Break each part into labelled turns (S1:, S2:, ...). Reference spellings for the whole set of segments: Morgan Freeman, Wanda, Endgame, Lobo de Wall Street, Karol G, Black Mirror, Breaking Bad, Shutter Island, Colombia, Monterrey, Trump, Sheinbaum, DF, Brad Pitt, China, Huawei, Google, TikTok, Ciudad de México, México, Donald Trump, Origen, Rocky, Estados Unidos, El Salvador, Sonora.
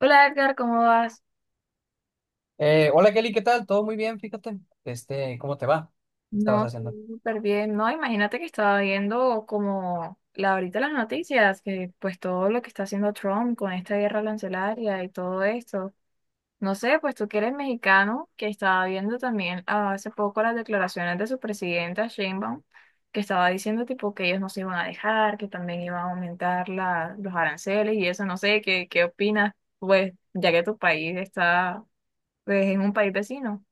S1: Hola Edgar, ¿cómo vas?
S2: Hola Kelly, ¿qué tal? Todo muy bien, fíjate. ¿Cómo te va? ¿Qué estabas
S1: No, todo
S2: haciendo?
S1: súper bien. No, imagínate que estaba viendo como ahorita las noticias, que pues todo lo que está haciendo Trump con esta guerra arancelaria y todo esto. No sé, pues tú que eres mexicano, que estaba viendo también hace poco las declaraciones de su presidenta Sheinbaum, que estaba diciendo tipo que ellos no se iban a dejar, que también iban a aumentar los aranceles y eso, no sé, ¿qué opinas? Pues ya que tu país está, pues es un país vecino.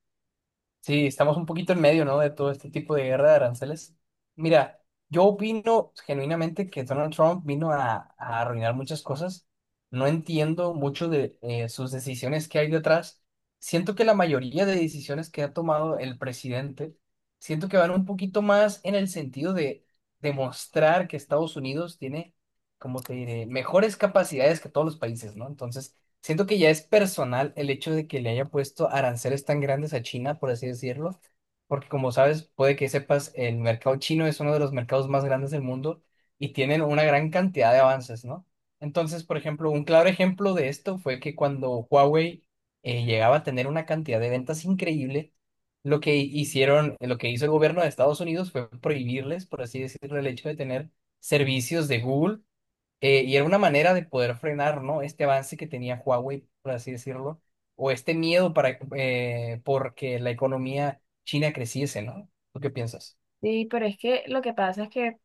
S2: Sí, estamos un poquito en medio, ¿no? De todo este tipo de guerra de aranceles. Mira, yo opino genuinamente que Donald Trump vino a arruinar muchas cosas. No entiendo mucho de sus decisiones que hay detrás. Siento que la mayoría de decisiones que ha tomado el presidente, siento que van un poquito más en el sentido de demostrar que Estados Unidos tiene, como te diré, mejores capacidades que todos los países, ¿no? Entonces, siento que ya es personal el hecho de que le hayan puesto aranceles tan grandes a China, por así decirlo, porque como sabes, puede que sepas, el mercado chino es uno de los mercados más grandes del mundo y tienen una gran cantidad de avances, ¿no? Entonces, por ejemplo, un claro ejemplo de esto fue que cuando Huawei llegaba a tener una cantidad de ventas increíble, lo que hicieron, lo que hizo el gobierno de Estados Unidos fue prohibirles, por así decirlo, el hecho de tener servicios de Google, y era una manera de poder frenar, ¿no? Este avance que tenía Huawei, por así decirlo, o este miedo para, porque la economía china creciese, ¿no? ¿Tú qué piensas?
S1: Sí, pero es que lo que pasa es que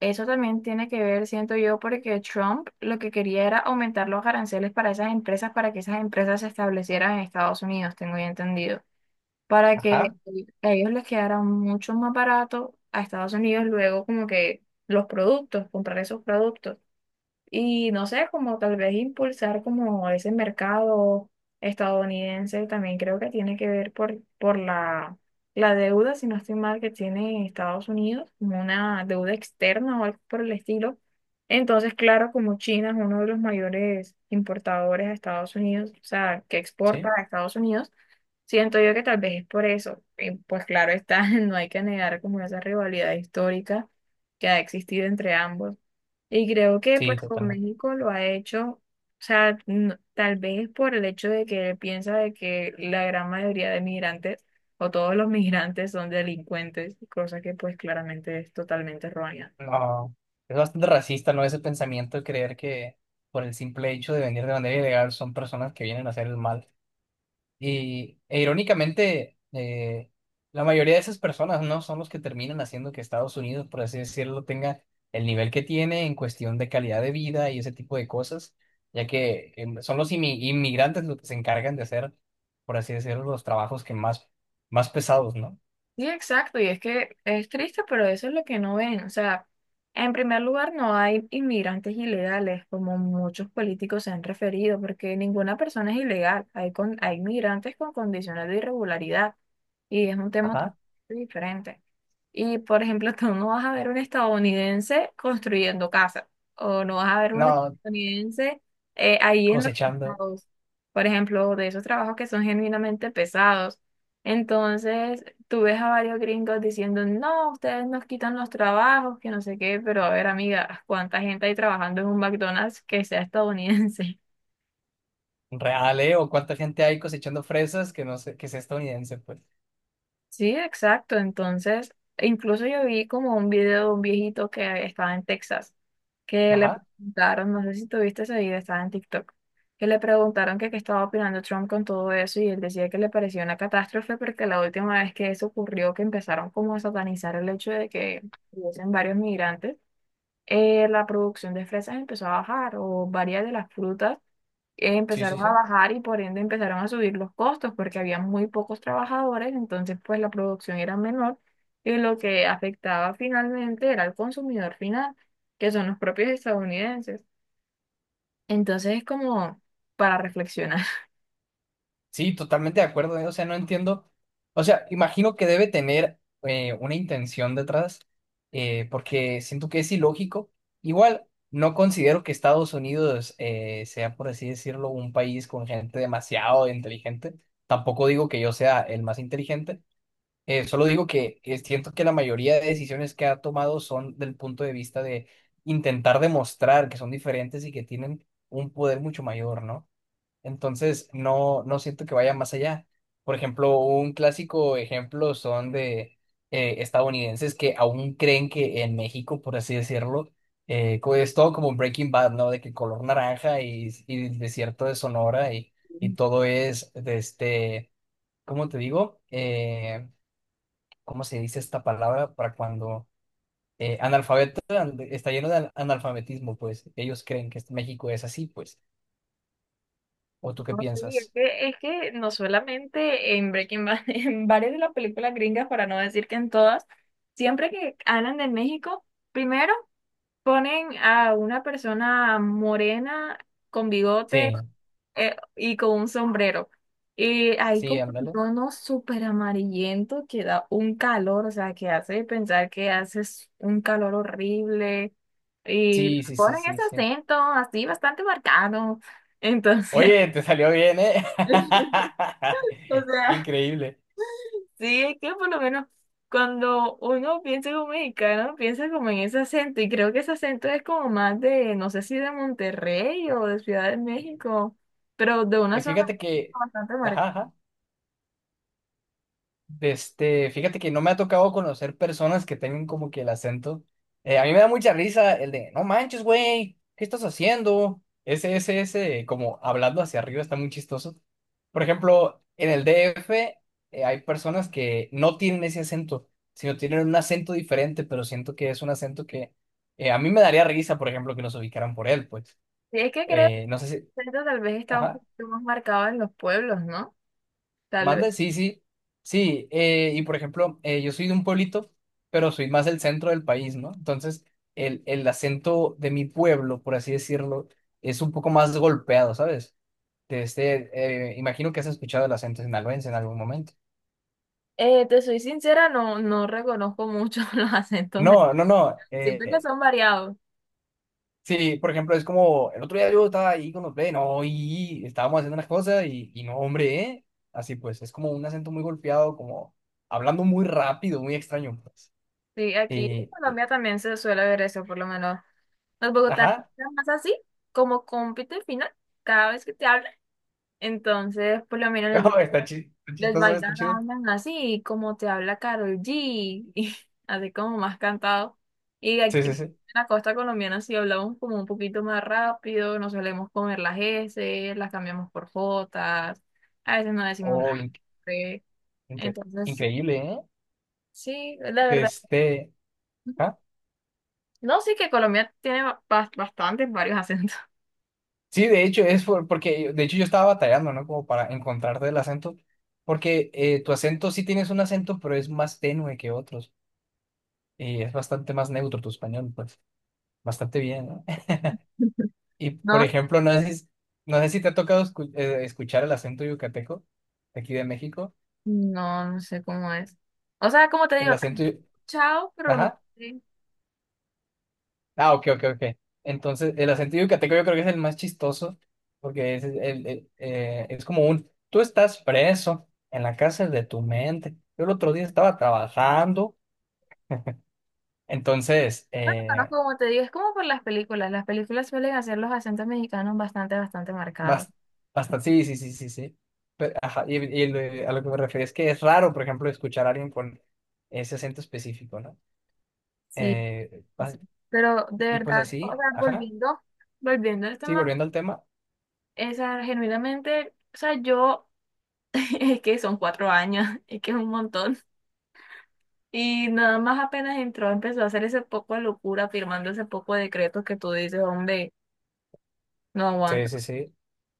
S1: eso también tiene que ver, siento yo, porque Trump lo que quería era aumentar los aranceles para esas empresas, para que esas empresas se establecieran en Estados Unidos, tengo ya entendido, para que
S2: Ajá,
S1: a ellos les quedara mucho más barato a Estados Unidos luego como que los productos, comprar esos productos. Y no sé, como tal vez impulsar como ese mercado estadounidense también creo que tiene que ver por la deuda, si no estoy mal, que tiene Estados Unidos, como una deuda externa o algo por el estilo. Entonces, claro, como China es uno de los mayores importadores a Estados Unidos, o sea, que exporta
S2: sí,
S1: a Estados Unidos, siento yo que tal vez es por eso. Y pues claro está, no hay que negar como esa rivalidad histórica que ha existido entre ambos. Y creo que
S2: sí,
S1: pues con
S2: totalmente.
S1: México lo ha hecho, o sea, tal vez por el hecho de que él piensa de que la gran mayoría de migrantes o todos los migrantes son delincuentes, cosa que pues claramente es totalmente errónea.
S2: No, es bastante racista, ¿no? Ese pensamiento de creer que por el simple hecho de venir de manera ilegal son personas que vienen a hacer el mal. Y e irónicamente, la mayoría de esas personas no son los que terminan haciendo que Estados Unidos, por así decirlo, tenga el nivel que tiene en cuestión de calidad de vida y ese tipo de cosas, ya que son los inmigrantes los que se encargan de hacer, por así decirlo, los trabajos que más pesados, ¿no?
S1: Sí, exacto, y es que es triste, pero eso es lo que no ven. O sea, en primer lugar, no hay inmigrantes ilegales, como muchos políticos se han referido, porque ninguna persona es ilegal. Hay migrantes con condiciones de irregularidad, y es un tema
S2: Ajá.
S1: totalmente diferente. Y, por ejemplo, tú no vas a ver un estadounidense construyendo casas, o no vas a ver un
S2: No,
S1: estadounidense ahí en los
S2: cosechando
S1: trabajos, por ejemplo, de esos trabajos que son genuinamente pesados. Entonces, tú ves a varios gringos diciendo, no, ustedes nos quitan los trabajos, que no sé qué, pero a ver, amiga, ¿cuánta gente hay trabajando en un McDonald's que sea estadounidense?
S2: real, ¿eh? O cuánta gente hay cosechando fresas que no sé, que es estadounidense, pues.
S1: Sí, exacto. Entonces, e incluso yo vi como un video de un viejito que estaba en Texas, que le
S2: Ajá.
S1: preguntaron, no sé si tuviste ese video, estaba en TikTok, que le preguntaron que qué estaba opinando Trump con todo eso y él decía que le parecía una catástrofe porque la última vez que eso ocurrió, que empezaron como a satanizar el hecho de que hubiesen varios migrantes. La producción de fresas empezó a bajar o varias de las frutas
S2: Sí, sí,
S1: empezaron a
S2: sí.
S1: bajar y por ende empezaron a subir los costos porque había muy pocos trabajadores, entonces pues la producción era menor y lo que afectaba finalmente era al consumidor final, que son los propios estadounidenses. Entonces es como para reflexionar.
S2: Sí, totalmente de acuerdo, ¿eh? O sea, no entiendo. O sea, imagino que debe tener, una intención detrás, porque siento que es ilógico. Igual, no considero que Estados Unidos, sea, por así decirlo, un país con gente demasiado inteligente. Tampoco digo que yo sea el más inteligente. Eh, solo digo que siento que la mayoría de decisiones que ha tomado son del punto de vista de intentar demostrar que son diferentes y que tienen un poder mucho mayor, ¿no? Entonces, no, no siento que vaya más allá. Por ejemplo, un clásico ejemplo son de estadounidenses que aún creen que en México, por así decirlo, es todo como Breaking Bad, ¿no? De que color naranja y el desierto de Sonora y todo es de este, ¿cómo te digo? ¿Cómo se dice esta palabra para cuando analfabeto, está lleno de analfabetismo? Pues ellos creen que México es así, pues. ¿O tú qué
S1: No, sí,
S2: piensas?
S1: es que no solamente en Breaking Bad, en varias de las películas gringas, para no decir que en todas, siempre que hablan de México, primero ponen a una persona morena con bigote
S2: Sí,
S1: y con un sombrero. Y hay
S2: sí,
S1: como un
S2: ándale.
S1: tono súper amarillento que da un calor, o sea, que hace pensar que haces un calor horrible. Y
S2: Sí, sí, sí,
S1: ponen
S2: sí,
S1: ese
S2: sí.
S1: acento así bastante marcado. Entonces,
S2: Oye, te salió bien, ¿eh?
S1: o sea.
S2: Increíble.
S1: Sí, es que por lo menos cuando uno piensa como mexicano, piensa como en ese acento, y creo que ese acento es como más de, no sé si de Monterrey o de Ciudad de México, pero de una zona
S2: Fíjate que...
S1: bastante marcada.
S2: Ajá, ajá. Fíjate que no me ha tocado conocer personas que tengan como que el acento. A mí me da mucha risa el de, no manches, güey, ¿qué estás haciendo? Ese, como hablando hacia arriba, está muy chistoso. Por ejemplo, en el DF, hay personas que no tienen ese acento, sino tienen un acento diferente, pero siento que es un acento que, a mí me daría risa, por ejemplo, que nos ubicaran por él, pues.
S1: Sí, es que creo que
S2: No sé
S1: el acento tal vez está un
S2: si...
S1: poquito más marcado en los pueblos, ¿no? Tal vez.
S2: Mande, sí, sí, sí. Y por ejemplo, yo soy de un pueblito, pero soy más del centro del país, ¿no? Entonces, el acento de mi pueblo, por así decirlo, es un poco más golpeado, ¿sabes? De este, imagino que has escuchado el acento sinaloense en algún momento.
S1: Te soy sincera, no reconozco mucho los acentos de...
S2: No, no, no.
S1: Siento que son variados.
S2: Sí, por ejemplo, es como el otro día yo estaba ahí con los no, y estábamos haciendo unas cosas y, no, hombre, ¿eh? Así pues, es como un acento muy golpeado, como hablando muy rápido, muy extraño, pues.
S1: Sí, aquí en
S2: Eh, eh,
S1: Colombia también se suele ver eso, por lo menos. Los bogotanos
S2: ajá.
S1: son más así, como compiten final, cada vez que te hablan. Entonces, por lo menos
S2: No, está está
S1: los
S2: chistoso,
S1: bailas
S2: está chido.
S1: hablan así, y como te habla Karol G, y así como más cantado. Y
S2: Sí,
S1: aquí
S2: sí,
S1: en
S2: sí.
S1: la costa colombiana sí hablamos como un poquito más rápido, no solemos comer las S, las cambiamos por Jotas, a veces no decimos la
S2: Oh,
S1: R.
S2: inque-
S1: Entonces,
S2: increíble, ¿eh?
S1: sí, la verdad.
S2: Este, ¿Ah?
S1: No, sí que Colombia tiene bastantes, varios acentos.
S2: Sí, de hecho, es porque, de hecho, yo estaba batallando, ¿no? Como para encontrarte el acento, porque, tu acento sí tienes un acento, pero es más tenue que otros, y es bastante más neutro tu español, pues, bastante bien, ¿no? Y, por
S1: No.
S2: ejemplo, no sé si te ha tocado escuchar el acento yucateco, de aquí de México,
S1: No, no sé cómo es. O sea, como te
S2: el
S1: digo,
S2: acento, yu-
S1: chao, pero no
S2: ajá.
S1: sé.
S2: Ah, ok, ok, ok. Entonces, el acento yucateco yo creo que es el más chistoso, porque es como tú estás preso en la cárcel de tu mente. Yo el otro día estaba trabajando, entonces,
S1: No, como te digo, es como por las películas. Las películas suelen hacer los acentos mexicanos bastante, bastante marcados.
S2: bas- bastante, sí, sí, sí, sí, sí. Pero, ajá, y a lo que me refiero es que es raro, por ejemplo, escuchar a alguien con ese acento específico, ¿no?
S1: Sí,
S2: Eh,
S1: pues
S2: va-
S1: sí. Pero de
S2: y pues
S1: verdad, o
S2: así,
S1: sea,
S2: ajá,
S1: volviendo, volviendo al
S2: sí,
S1: tema,
S2: volviendo al tema,
S1: esa, genuinamente, o sea, yo, es que son 4 años, es que es un montón. Y nada más apenas entró, empezó a hacer ese poco de locura, firmando ese poco de decretos que tú dices, hombre, no
S2: sí,
S1: aguanta.
S2: sí, sí.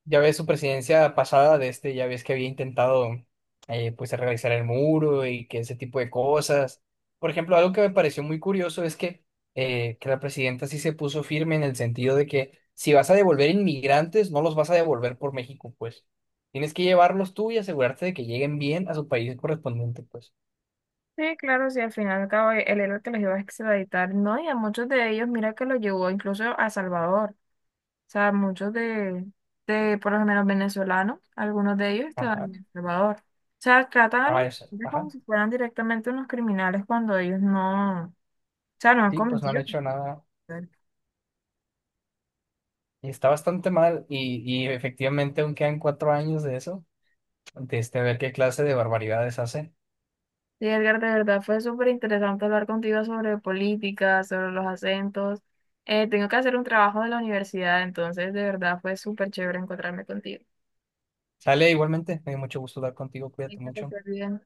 S2: Ya ves su presidencia pasada de este, ya ves que había intentado, pues, realizar el muro y que ese tipo de cosas. Por ejemplo, algo que me pareció muy curioso es que la presidenta sí se puso firme en el sentido de que si vas a devolver inmigrantes, no los vas a devolver por México, pues. Tienes que llevarlos tú y asegurarte de que lleguen bien a su país correspondiente, pues.
S1: Sí, claro, sí, al final y al cabo el héroe que los iba a extraditar, no, y a muchos de ellos, mira que los llevó incluso a Salvador, o sea, muchos de por lo menos venezolanos, algunos de ellos estaban
S2: Ajá,
S1: en El Salvador, o sea, tratan a
S2: ah,
S1: los
S2: eso,
S1: migrantes como
S2: ajá.
S1: si fueran directamente unos criminales cuando ellos no, o sea, no han
S2: Sí, pues no han
S1: cometido
S2: hecho nada.
S1: nada.
S2: Y está bastante mal y, efectivamente aún quedan 4 años de eso, de este, a ver qué clase de barbaridades hacen.
S1: Sí, Edgar, de verdad fue súper interesante hablar contigo sobre política, sobre los acentos. Tengo que hacer un trabajo de la universidad, entonces de verdad fue súper chévere encontrarme contigo.
S2: Sale, igualmente, me dio mucho gusto hablar contigo,
S1: Ahí
S2: cuídate
S1: está, que
S2: mucho.
S1: te bien.